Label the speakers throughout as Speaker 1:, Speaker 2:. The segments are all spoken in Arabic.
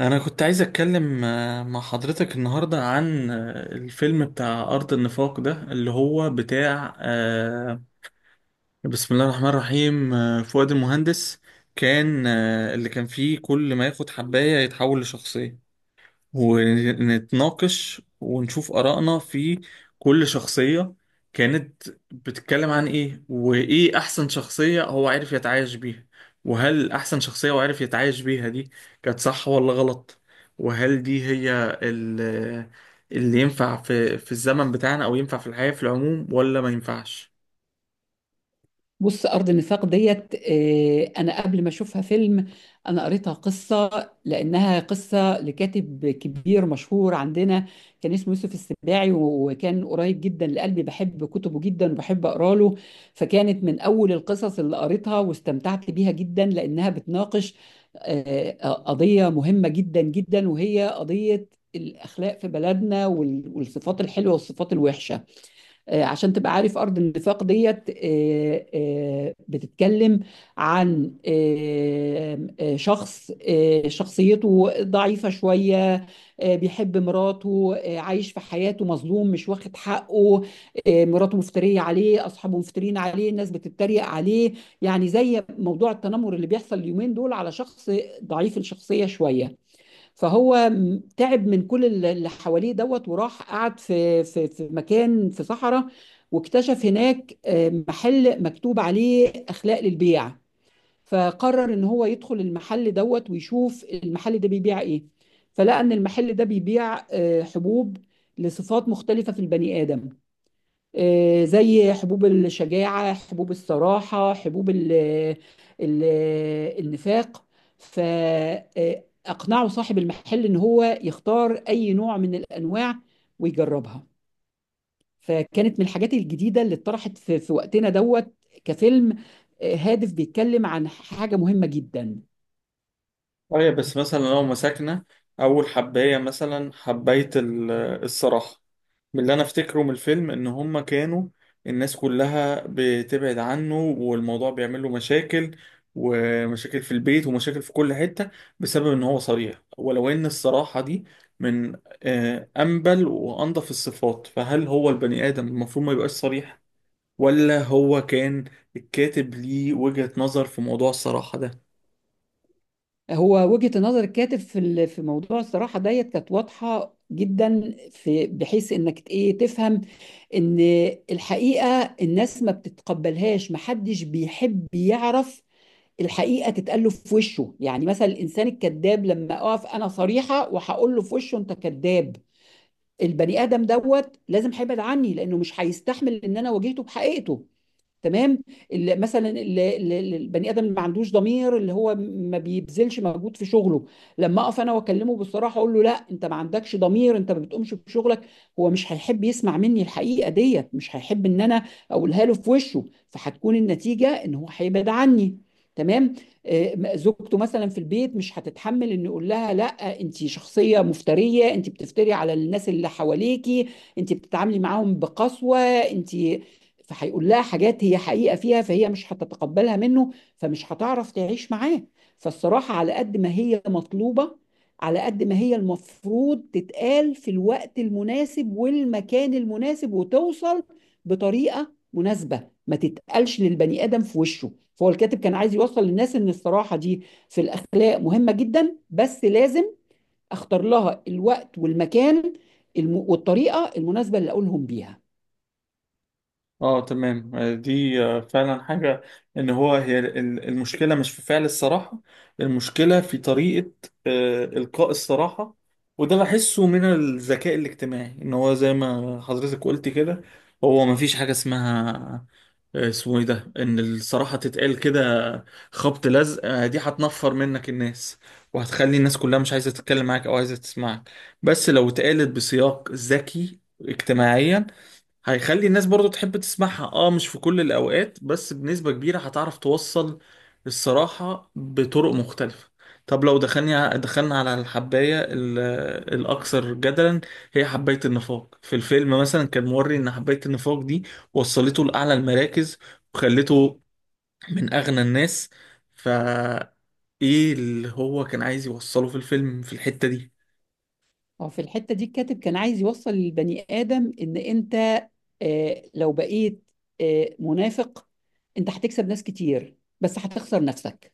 Speaker 1: أنا كنت عايز أتكلم مع حضرتك النهاردة عن الفيلم بتاع أرض النفاق ده اللي هو بتاع بسم الله الرحمن الرحيم فؤاد المهندس كان اللي كان فيه كل ما ياخد حباية يتحول لشخصية، ونتناقش ونشوف آرائنا في كل شخصية كانت بتتكلم عن إيه، وإيه أحسن شخصية هو عارف يتعايش بيها، وهل أحسن شخصية هو عارف يتعايش بيها دي كانت صح ولا غلط، وهل دي هي اللي ينفع في الزمن بتاعنا أو ينفع في الحياة في العموم ولا ما ينفعش؟
Speaker 2: بص، أرض النفاق ديت، أنا قبل ما أشوفها فيلم. أنا قريتها قصة، لأنها قصة لكاتب كبير مشهور عندنا. كان اسمه يوسف السباعي، وكان قريب جدا لقلبي، بحب كتبه جدا وبحب أقرأ له. فكانت من أول القصص اللي قريتها واستمتعت بيها جدا، لأنها بتناقش قضية مهمة جدا جدا، وهي قضية الأخلاق في بلدنا، والصفات الحلوة والصفات الوحشة. عشان تبقى عارف، أرض النفاق ديت بتتكلم عن شخص، شخصيته ضعيفة شوية. بيحب مراته، عايش في حياته مظلوم، مش واخد حقه. مراته مفترية عليه، أصحابه مفترين عليه، الناس بتتريق عليه. يعني زي موضوع التنمر اللي بيحصل اليومين دول على شخص ضعيف الشخصية شوية. فهو تعب من كل اللي حواليه دوت، وراح قعد في مكان في صحراء. واكتشف هناك محل مكتوب عليه اخلاق للبيع. فقرر ان هو يدخل المحل دوت، ويشوف المحل ده بيبيع ايه. فلقى ان المحل ده بيبيع حبوب لصفات مختلفة في البني آدم. زي حبوب الشجاعة، حبوب الصراحة، حبوب ال النفاق. فأقنعوا صاحب المحل إن هو يختار أي نوع من الأنواع ويجربها. فكانت من الحاجات الجديدة اللي اتطرحت في وقتنا دوت، كفيلم هادف بيتكلم عن حاجة مهمة جدا.
Speaker 1: أيوة، بس مثلا لو مسكنا أول حباية مثلا حباية الصراحة، من اللي انا افتكره من الفيلم ان هما كانوا الناس كلها بتبعد عنه والموضوع بيعمل له مشاكل، ومشاكل في البيت ومشاكل في كل حتة بسبب ان هو صريح. ولو ان الصراحة دي من انبل وانضف الصفات، فهل هو البني ادم المفروض ما يبقاش صريح، ولا هو كان الكاتب ليه وجهة نظر في موضوع الصراحة ده؟
Speaker 2: هو وجهة نظر الكاتب في موضوع الصراحة ديت كانت واضحة جدا، في بحيث انك ايه تفهم ان الحقيقة الناس ما بتتقبلهاش، محدش بيحب يعرف الحقيقة تتقال له في وشه. يعني مثلا الانسان الكذاب، لما اقف انا صريحة وهقول له في وشه انت كذاب، البني ادم دوت لازم هيبعد عني، لانه مش هيستحمل ان انا واجهته بحقيقته. تمام. اللي مثلا اللي اللي- اللي البني ادم اللي ما عندوش ضمير، اللي هو ما بيبذلش مجهود في شغله، لما اقف انا واكلمه بالصراحه، اقول له لا انت ما عندكش ضمير، انت ما بتقومش بشغلك، هو مش هيحب يسمع مني الحقيقه ديت، مش هيحب ان انا اقولها له في وشه. فهتكون النتيجه ان هو هيبعد عني. تمام. زوجته مثلا في البيت مش هتتحمل ان يقول لها لا، انت شخصيه مفتريه، انت بتفتري على الناس اللي حواليكي، انت بتتعاملي معاهم بقسوه انت. فهيقول لها حاجات هي حقيقة فيها، فهي مش هتتقبلها منه، فمش هتعرف تعيش معاه. فالصراحة على قد ما هي مطلوبة، على قد ما هي المفروض تتقال في الوقت المناسب والمكان المناسب، وتوصل بطريقة مناسبة، ما تتقالش للبني آدم في وشه. فهو الكاتب كان عايز يوصل للناس إن الصراحة دي في الأخلاق مهمة جدا، بس لازم أختار لها الوقت والمكان والطريقة المناسبة اللي أقولهم بيها.
Speaker 1: اه، تمام. دي فعلا حاجة، ان هو هي المشكلة مش في فعل الصراحة، المشكلة في طريقة إلقاء الصراحة. وده بحسه من الذكاء الاجتماعي، ان هو زي ما حضرتك قلت كده، هو مفيش حاجة اسمها اسمه ايه ده، ان الصراحة تتقال كده خبط لزق. دي هتنفر منك الناس، وهتخلي الناس كلها مش عايزة تتكلم معاك او عايزة تسمعك. بس لو اتقالت بسياق ذكي اجتماعيا، هيخلي الناس برضو تحب تسمعها. اه، مش في كل الأوقات بس بنسبة كبيرة هتعرف توصل الصراحة بطرق مختلفة. طب لو دخلنا على الحباية الأكثر جدلا، هي حباية النفاق. في الفيلم مثلا كان موري إن حباية النفاق دي وصلته لأعلى المراكز، وخلته من أغنى الناس، فا إيه اللي هو كان عايز يوصله في الفيلم في الحتة دي؟
Speaker 2: هو في الحتة دي الكاتب كان عايز يوصل للبني آدم إن أنت لو بقيت منافق، أنت هتكسب ناس كتير، بس هتخسر نفسك.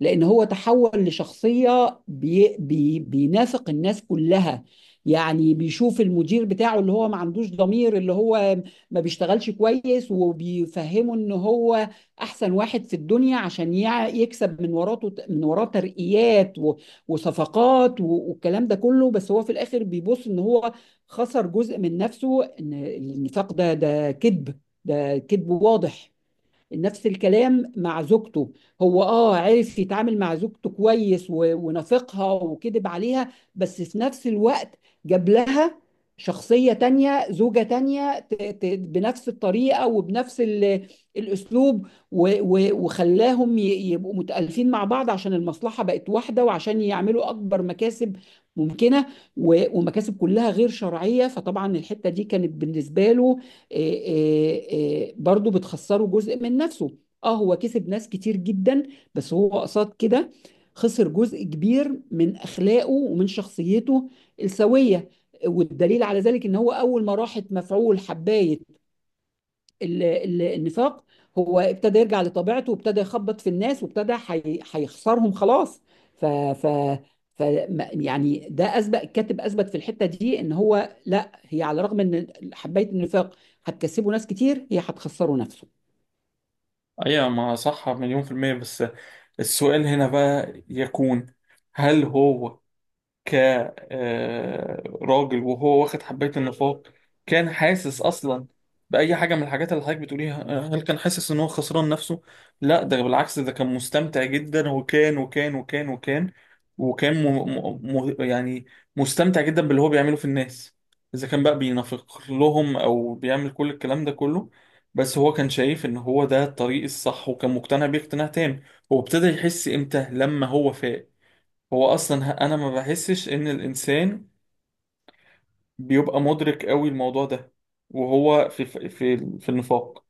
Speaker 2: لأن هو تحول لشخصية بي بي بينافق الناس كلها. يعني بيشوف المدير بتاعه اللي هو ما عندوش ضمير، اللي هو ما بيشتغلش كويس، وبيفهمه ان هو احسن واحد في الدنيا، عشان يكسب من وراه ترقيات وصفقات والكلام ده كله. بس هو في الاخر بيبص ان هو خسر جزء من نفسه، ان النفاق ده كذب، ده كذب واضح. نفس الكلام مع زوجته. هو عرف يتعامل مع زوجته كويس ونافقها وكذب عليها، بس في نفس الوقت جاب لها شخصية تانية، زوجة تانية بنفس الطريقة وبنفس الأسلوب وخلاهم يبقوا متألفين مع بعض، عشان المصلحة بقت واحدة، وعشان يعملوا أكبر مكاسب ممكنة، ومكاسب كلها غير شرعية. فطبعا الحتة دي كانت بالنسبة له آه، برضو بتخسره جزء من نفسه. اه، هو كسب ناس كتير جدا، بس هو قصاد كده خسر جزء كبير من اخلاقه ومن شخصيته السويه. والدليل على ذلك ان هو اول ما راحت مفعول حبايه النفاق، هو ابتدى يرجع لطبيعته، وابتدى يخبط في الناس، وابتدى هيخسرهم خلاص. ف ف ف ما- يعني ده اثبت الكاتب، اثبت في الحته دي ان هو لا، هي على الرغم ان حبايه النفاق هتكسبه ناس كتير، هي هتخسره نفسه.
Speaker 1: ايوه، ما صح مليون في المية. بس السؤال هنا بقى يكون، هل هو كراجل وهو واخد حباية النفاق كان حاسس أصلا بأي حاجة من الحاجات اللي حضرتك بتقوليها؟ هل كان حاسس إن هو خسران نفسه؟ لا، ده بالعكس، ده كان مستمتع جدا، وكان م م م يعني مستمتع جدا باللي هو بيعمله في الناس، إذا كان بقى بينافق لهم أو بيعمل كل الكلام ده كله. بس هو كان شايف إن هو ده الطريق الصح، وكان مقتنع بيه اقتناع تام. وابتدى يحس إمتى لما هو فاق. هو اصلا انا ما بحسش ان الانسان بيبقى مدرك قوي الموضوع ده وهو في النفاق،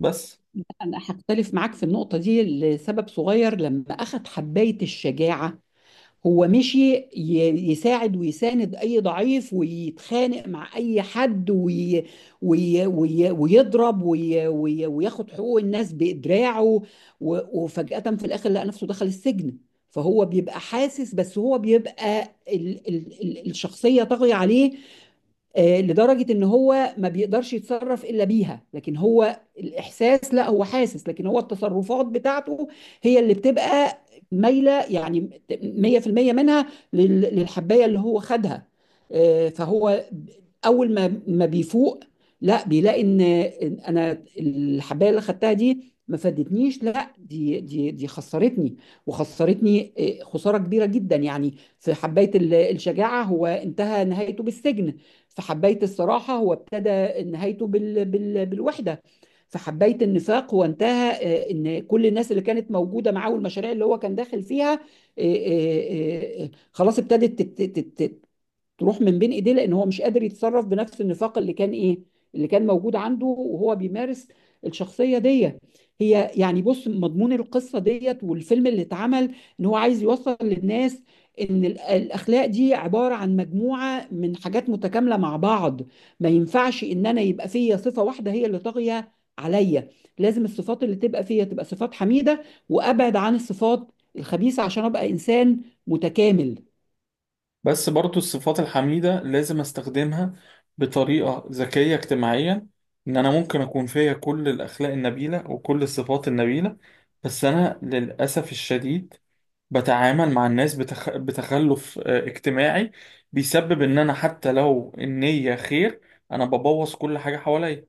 Speaker 1: بس.
Speaker 2: انا هختلف معاك في النقطه دي لسبب صغير. لما اخذ حبايه الشجاعه، هو مشي يساعد ويساند اي ضعيف، ويتخانق مع اي حد وي وي وي ويضرب وي وي وياخد حقوق الناس بإدراعه، وفجأة في الاخر لقى نفسه دخل السجن. فهو بيبقى حاسس، بس هو بيبقى ال الشخصية طاغية عليه. لدرجة ان هو ما بيقدرش يتصرف الا بيها، لكن هو الاحساس لا، هو حاسس، لكن هو التصرفات بتاعته هي اللي بتبقى مايلة، يعني 100% منها للحباية اللي هو خدها. فهو اول ما بيفوق، لا، بيلاقي ان انا الحباية اللي خدتها دي ما فادتنيش، لا، دي خسرتني وخسرتني، خسارة كبيرة جدا يعني. في حباية الشجاعة، هو انتهى نهايته بالسجن. في حباية الصراحة هو ابتدى نهايته بالوحدة. في حباية النفاق هو انتهى ان كل الناس اللي كانت موجودة معاه، والمشاريع اللي هو كان داخل فيها خلاص، ابتدت تروح من بين ايديه، لان هو مش قادر يتصرف بنفس النفاق اللي كان ايه، اللي كان موجود عنده وهو بيمارس الشخصيه دي. هي يعني، بص، مضمون القصه ديت والفيلم اللي اتعمل ان هو عايز يوصل للناس ان الاخلاق دي عباره عن مجموعه من حاجات متكامله مع بعض. ما ينفعش ان انا يبقى فيا صفه واحده هي اللي طاغيه عليا. لازم الصفات اللي تبقى فيا تبقى صفات حميده، وابعد عن الصفات الخبيثه عشان ابقى انسان متكامل.
Speaker 1: بس برضو الصفات الحميدة لازم استخدمها بطريقة ذكية اجتماعيا، ان انا ممكن اكون فيا كل الاخلاق النبيلة وكل الصفات النبيلة. بس انا للاسف الشديد بتعامل مع الناس بتخلف اجتماعي، بيسبب ان انا حتى لو النية خير، انا ببوظ كل حاجة حواليا.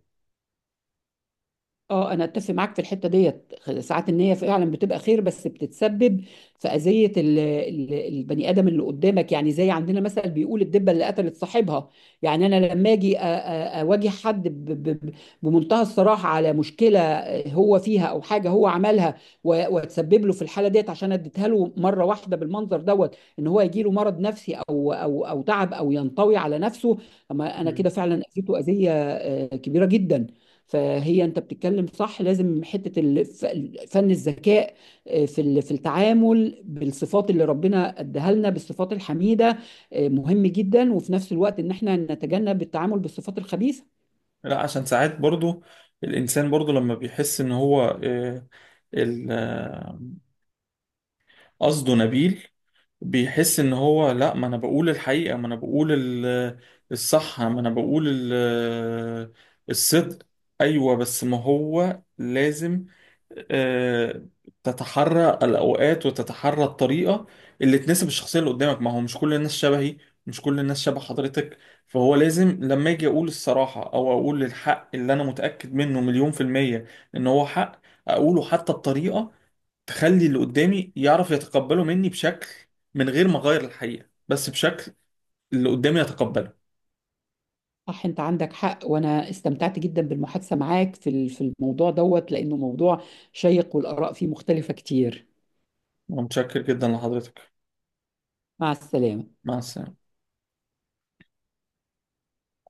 Speaker 2: اه، انا اتفق معاك في الحته ديت. ساعات النيه فعلا بتبقى خير، بس بتتسبب في اذيه البني ادم اللي قدامك. يعني زي عندنا مثلا بيقول الدبه اللي قتلت صاحبها. يعني انا لما اجي اواجه حد بمنتهى الصراحه على مشكله هو فيها او حاجه هو عملها، و- واتسبب له في الحاله ديت، عشان اديتها له مره واحده بالمنظر دوت، ان هو يجي له مرض نفسي او تعب او ينطوي على نفسه. اما انا كده فعلا اذيته اذيه كبيره جدا. فهي انت بتتكلم صح، لازم حته فن الذكاء في في التعامل بالصفات اللي ربنا اداها لنا، بالصفات الحميده مهم جدا، وفي نفس الوقت ان احنا نتجنب التعامل بالصفات الخبيثه.
Speaker 1: لا، عشان ساعات برضو الإنسان برضو لما بيحس إن هو ال- آه، قصده نبيل، بيحس ان هو لا، ما انا بقول الحقيقة، ما انا بقول الصح، ما انا بقول الصدق. ايوه، بس ما هو لازم آه، تتحرى الاوقات وتتحرى الطريقة اللي تناسب الشخصية اللي قدامك. ما هو مش كل الناس شبهي، مش كل الناس شبه حضرتك. فهو لازم لما اجي اقول الصراحة او اقول الحق اللي انا متأكد منه مليون في المية ان هو حق، اقوله حتى بطريقة تخلي اللي قدامي يعرف يتقبله مني بشكل، من غير ما اغير الحقيقة، بس بشكل اللي قدامي يتقبله.
Speaker 2: صح، انت عندك حق، وانا استمتعت جدا بالمحادثه معاك في الموضوع دوت، لانه موضوع شيق والاراء فيه مختلفه كتير.
Speaker 1: متشكر جدا لحضرتك.
Speaker 2: مع السلامه.
Speaker 1: مع السلامة.